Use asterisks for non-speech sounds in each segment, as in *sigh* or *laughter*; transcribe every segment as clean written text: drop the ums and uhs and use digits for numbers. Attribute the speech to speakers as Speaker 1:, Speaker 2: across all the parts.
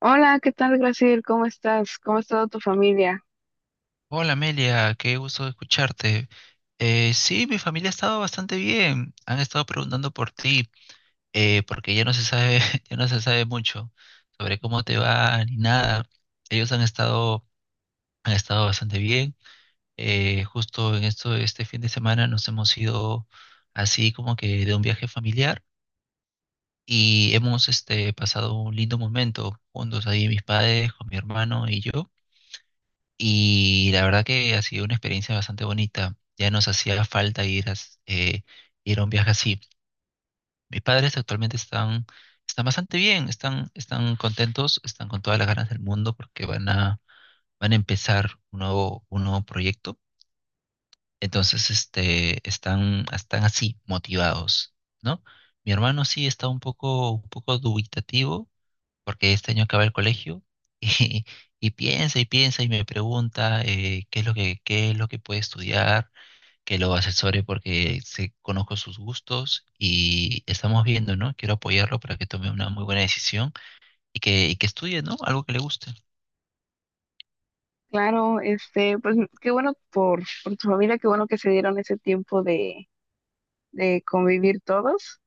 Speaker 1: Hola, ¿qué tal, Graciel? ¿Cómo estás? ¿Cómo ha estado tu familia?
Speaker 2: Hola Amelia, qué gusto escucharte. Sí, mi familia ha estado bastante bien. Han estado preguntando por ti, porque ya no se sabe, *laughs* ya no se sabe mucho sobre cómo te va ni nada. Ellos han estado, han estado bastante bien. Este fin de semana nos hemos ido así como que de un viaje familiar y hemos pasado un lindo momento juntos ahí mis padres, con mi hermano y yo. Y la verdad que ha sido una experiencia bastante bonita. Ya nos hacía falta ir a un viaje así. Mis padres actualmente están, están bastante bien, están contentos, están con todas las ganas del mundo porque van a empezar un nuevo proyecto. Entonces, están así, motivados, ¿no? Mi hermano sí está un poco dubitativo porque este año acaba el colegio *laughs* y, y piensa y piensa y me pregunta qué es qué es lo que puede estudiar, que lo asesore porque se, conozco sus gustos y estamos viendo, ¿no? Quiero apoyarlo para que tome una muy buena decisión y y que estudie, ¿no? Algo que le guste.
Speaker 1: Claro, este, pues qué bueno por tu familia, qué bueno que se dieron ese tiempo de convivir todos.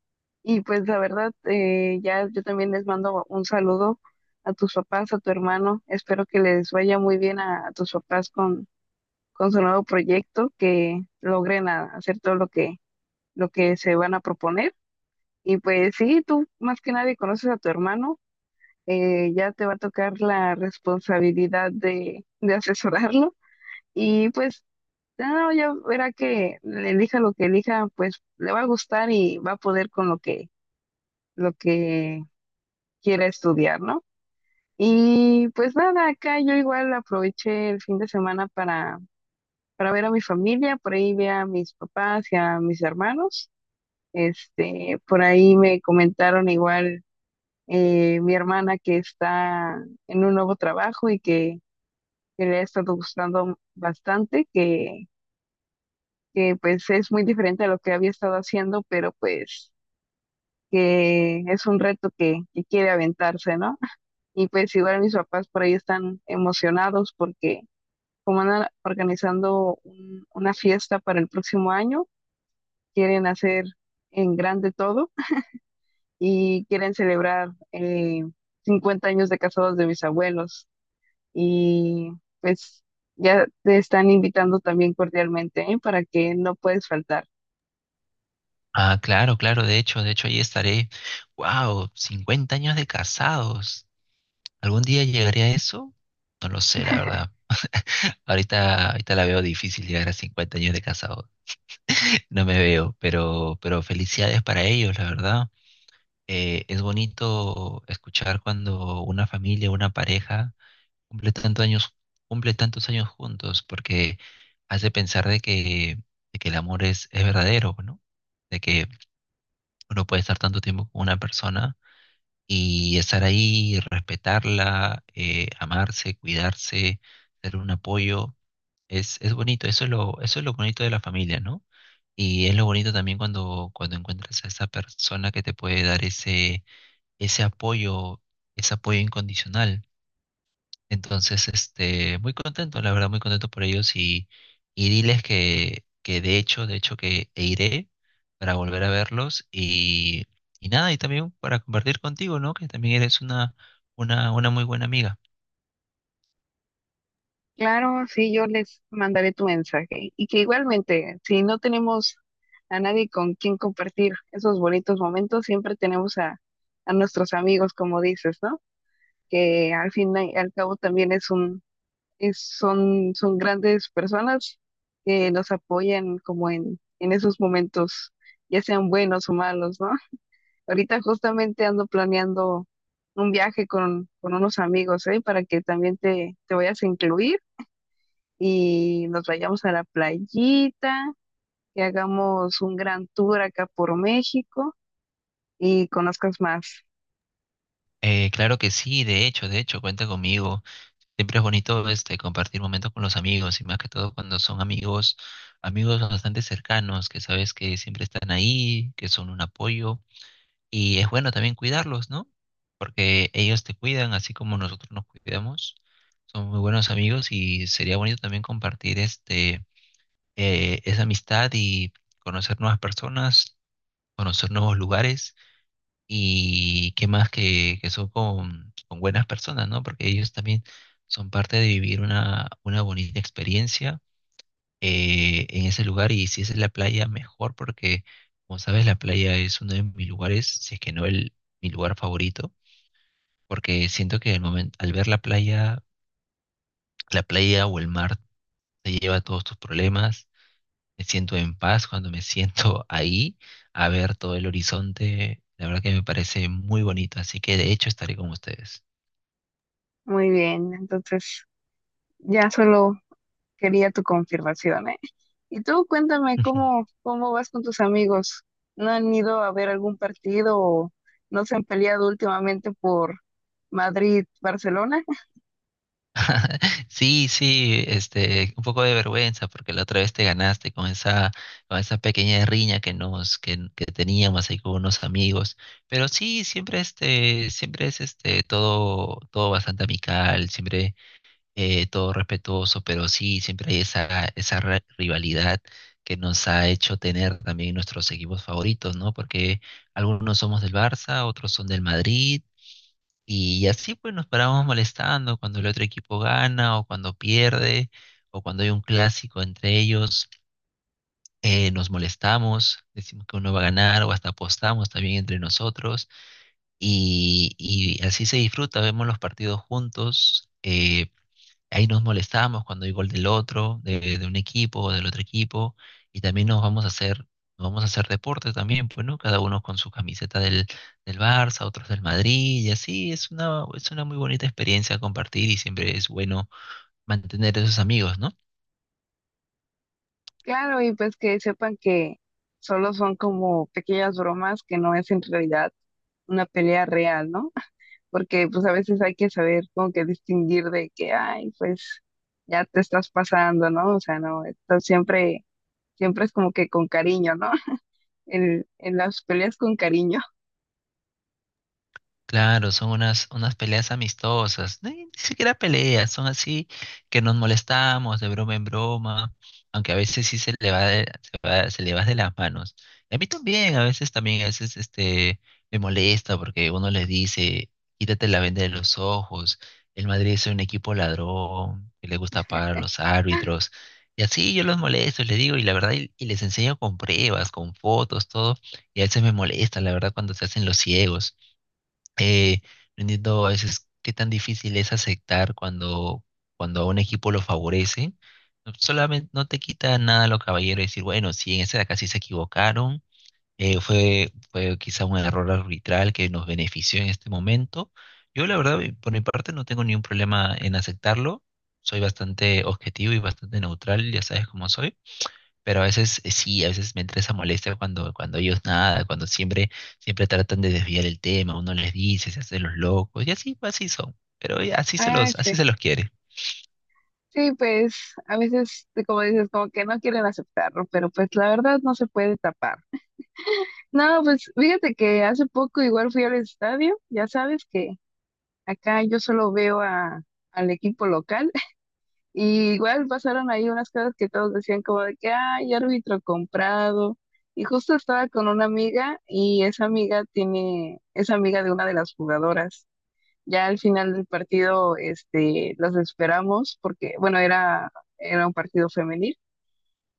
Speaker 1: Y pues la verdad, ya yo también les mando un saludo a tus papás, a tu hermano. Espero que les vaya muy bien a tus papás con su nuevo proyecto, que logren hacer todo lo lo que se van a proponer. Y pues sí, tú más que nadie conoces a tu hermano. Ya te va a tocar la responsabilidad de asesorarlo y pues ya, no, ya verá que elija lo que elija, pues le va a gustar y va a poder con lo que quiera estudiar, ¿no? Y pues nada, acá yo igual aproveché el fin de semana para ver a mi familia, por ahí vi a mis papás y a mis hermanos. Este, por ahí me comentaron igual mi hermana que está en un nuevo trabajo y que le ha estado gustando bastante, que pues es muy diferente a lo que había estado haciendo, pero pues que es un reto que quiere aventarse, ¿no? Y pues igual mis papás por ahí están emocionados porque como andan organizando una fiesta para el próximo año, quieren hacer en grande todo y quieren celebrar 50 años de casados de mis abuelos. Y pues ya te están invitando también cordialmente, ¿eh? Para que no puedes faltar.
Speaker 2: Ah, claro, claro, de hecho ahí estaré. Wow, 50 años de casados. ¿Algún día llegaré a eso? No lo sé, la verdad. Ahorita la veo difícil llegar a 50 años de casados. No me veo, pero felicidades para ellos, la verdad. Es bonito escuchar cuando una familia, una pareja cumple tantos años, cumple tantos años juntos, porque hace pensar de que el amor es verdadero, ¿no? De que uno puede estar tanto tiempo con una persona y estar ahí, respetarla, amarse, cuidarse, ser un apoyo. Es bonito, eso es eso es lo bonito de la familia, ¿no? Y es lo bonito también cuando, cuando encuentras a esa persona que te puede dar ese apoyo, ese apoyo incondicional. Entonces, muy contento, la verdad, muy contento por ellos y diles que de hecho que e iré para volver a verlos y nada, y también para compartir contigo, ¿no? Que también eres una muy buena amiga.
Speaker 1: Claro, sí, yo les mandaré tu mensaje y que igualmente, si no tenemos a nadie con quien compartir esos bonitos momentos, siempre tenemos a nuestros amigos, como dices, ¿no? Que al fin y al cabo también es es, son, son grandes personas que nos apoyan como en esos momentos, ya sean buenos o malos, ¿no? Ahorita justamente ando planeando un viaje con unos amigos, ¿eh? Para que también te vayas a incluir y nos vayamos a la playita, que hagamos un gran tour acá por México y conozcas más.
Speaker 2: Claro que sí, de hecho, cuenta conmigo. Siempre es bonito compartir momentos con los amigos y más que todo cuando son amigos, amigos bastante cercanos, que sabes que siempre están ahí, que son un apoyo y es bueno también cuidarlos, ¿no? Porque ellos te cuidan así como nosotros nos cuidamos. Son muy buenos amigos y sería bonito también compartir esa amistad y conocer nuevas personas, conocer nuevos lugares y qué más que son con buenas personas, ¿no? Porque ellos también son parte de vivir una bonita experiencia en ese lugar. Y si es en la playa, mejor, porque como sabes, la playa es uno de mis lugares, si es que no mi lugar favorito, porque siento que al momento, al ver la playa o el mar te lleva todos tus problemas. Me siento en paz cuando me *laughs* siento ahí a ver todo el horizonte. La verdad que me parece muy bonito, así que de hecho estaré con ustedes.
Speaker 1: Muy bien, entonces ya solo quería tu confirmación, ¿eh? Y tú cuéntame
Speaker 2: *laughs*
Speaker 1: cómo vas con tus amigos. ¿No han ido a ver algún partido o no se han peleado últimamente por Madrid-Barcelona?
Speaker 2: Sí, sí, un poco de vergüenza porque la otra vez te ganaste con esa pequeña riña que nos, que teníamos ahí con unos amigos. Pero sí, siempre siempre es todo, todo bastante amical, siempre todo respetuoso, pero sí, siempre hay esa, esa rivalidad que nos ha hecho tener también nuestros equipos favoritos, ¿no? Porque algunos somos del Barça, otros son del Madrid. Y así pues nos parábamos molestando cuando el otro equipo gana o cuando pierde o cuando hay un clásico entre ellos, nos molestamos, decimos que uno va a ganar o hasta apostamos también entre nosotros y así se disfruta, vemos los partidos juntos. Ahí nos molestamos cuando hay gol del otro, de un equipo o del otro equipo, y también nos vamos a hacer deporte también, pues, ¿no? Cada uno con su camiseta del Barça, otros del Madrid, y así es es una muy bonita experiencia compartir y siempre es bueno mantener esos amigos, ¿no?
Speaker 1: Claro, y pues que sepan que solo son como pequeñas bromas que no es en realidad una pelea real, ¿no? *laughs* Porque pues a veces hay que saber como que distinguir de que, ay, pues ya te estás pasando, ¿no? O sea, no, esto siempre es como que con cariño, ¿no? *laughs* En las peleas con cariño.
Speaker 2: Claro, son unas, unas peleas amistosas, ni siquiera peleas, son así que nos molestamos de broma en broma, aunque a veces sí se le va de las manos. Y a mí también, a veces me molesta porque uno les dice, quítate la venda de los ojos, el Madrid es un equipo ladrón, que le gusta pagar a
Speaker 1: *laughs*
Speaker 2: los árbitros, y así yo los molesto, les digo, y la verdad, y les enseño con pruebas, con fotos, todo, y a veces me molesta, la verdad, cuando se hacen los ciegos. Eh, no entiendo a veces qué tan difícil es aceptar cuando, cuando a un equipo lo favorece. No, solamente no te quita nada lo caballero decir, bueno, sí, en esta de acá sí se equivocaron, fue quizá un error arbitral que nos benefició en este momento. Yo la verdad, por mi parte, no tengo ningún problema en aceptarlo. Soy bastante objetivo y bastante neutral, ya sabes cómo soy. Pero a veces sí, a veces me entra esa molestia cuando, cuando ellos nada, cuando siempre, siempre tratan de desviar el tema, uno les dice, se hacen los locos, y así, así son. Pero ya,
Speaker 1: Ah,
Speaker 2: así
Speaker 1: sí.
Speaker 2: se los quiere.
Speaker 1: Sí, pues a veces, como dices, como que no quieren aceptarlo, pero pues la verdad no se puede tapar. No, pues fíjate que hace poco igual fui al estadio, ya sabes que acá yo solo al equipo local *laughs* y igual pasaron ahí unas cosas que todos decían como de que, ay, árbitro comprado. Y justo estaba con una amiga y esa amiga tiene, es amiga de una de las jugadoras. Ya al final del partido, este, las esperamos porque, bueno, era un partido femenil.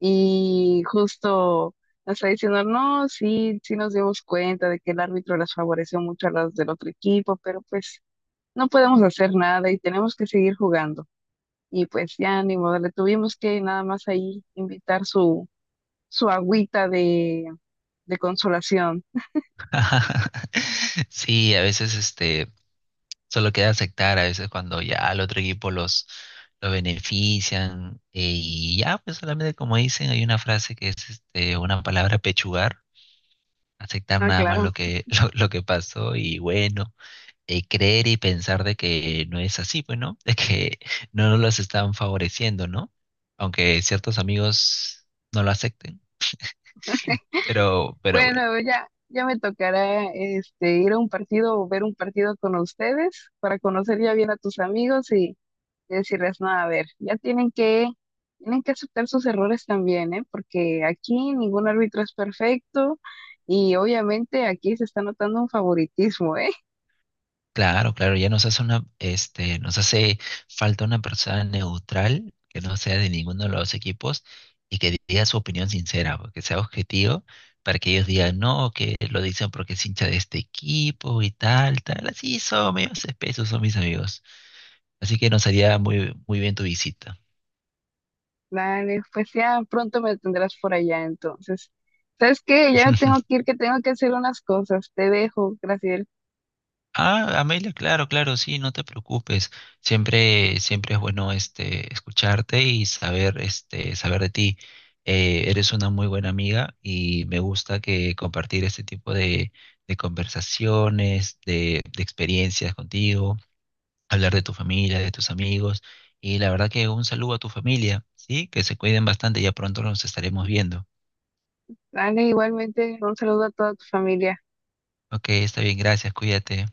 Speaker 1: Y justo nos está diciendo, no, sí, sí nos dimos cuenta de que el árbitro las favoreció mucho a las del otro equipo, pero pues no podemos hacer nada y tenemos que seguir jugando. Y pues ya ni modo, le tuvimos que nada más ahí invitar su agüita de consolación.
Speaker 2: *laughs* Sí, a veces solo queda aceptar, a veces cuando ya al otro equipo los, lo benefician, y ya, pues solamente como dicen, hay una frase que es una palabra pechugar, aceptar
Speaker 1: Ah,
Speaker 2: nada más
Speaker 1: claro.
Speaker 2: *laughs* lo que pasó, y bueno. Creer y pensar de que no es así, pues, ¿no? *laughs* De que no nos los están favoreciendo, ¿no? Aunque ciertos amigos no lo acepten. Pero bueno,
Speaker 1: Bueno, ya me tocará este ir a un partido o ver un partido con ustedes para conocer ya bien a tus amigos y decirles, no, a ver, ya tienen que aceptar sus errores también, ¿eh? Porque aquí ningún árbitro es perfecto y obviamente aquí se está notando un favoritismo, ¿eh? *laughs*
Speaker 2: claro, claro, ya nos hace falta una persona neutral que no sea de ninguno de los equipos y que diga su opinión sincera, pues, que sea objetivo. Para que ellos digan, no, que lo dicen porque es hincha de este equipo y tal, tal. Así son, medios espesos son mis amigos. Así que nos haría muy, muy bien tu visita.
Speaker 1: Dale, pues ya pronto me tendrás por allá entonces. ¿Sabes qué? Ya me tengo
Speaker 2: *laughs*
Speaker 1: que ir, que tengo que hacer unas cosas. Te dejo, Graciela.
Speaker 2: Ah, Amelia, claro, claro, sí, no te preocupes. Siempre, siempre es bueno escucharte y saber, saber de ti. Eres una muy buena amiga y me gusta que compartir este tipo de conversaciones, de experiencias contigo, hablar de tu familia, de tus amigos. Y la verdad que un saludo a tu familia, ¿sí? Que se cuiden bastante, ya pronto nos estaremos viendo.
Speaker 1: Dale, igualmente, un saludo a toda tu familia.
Speaker 2: Ok, está bien, gracias, cuídate.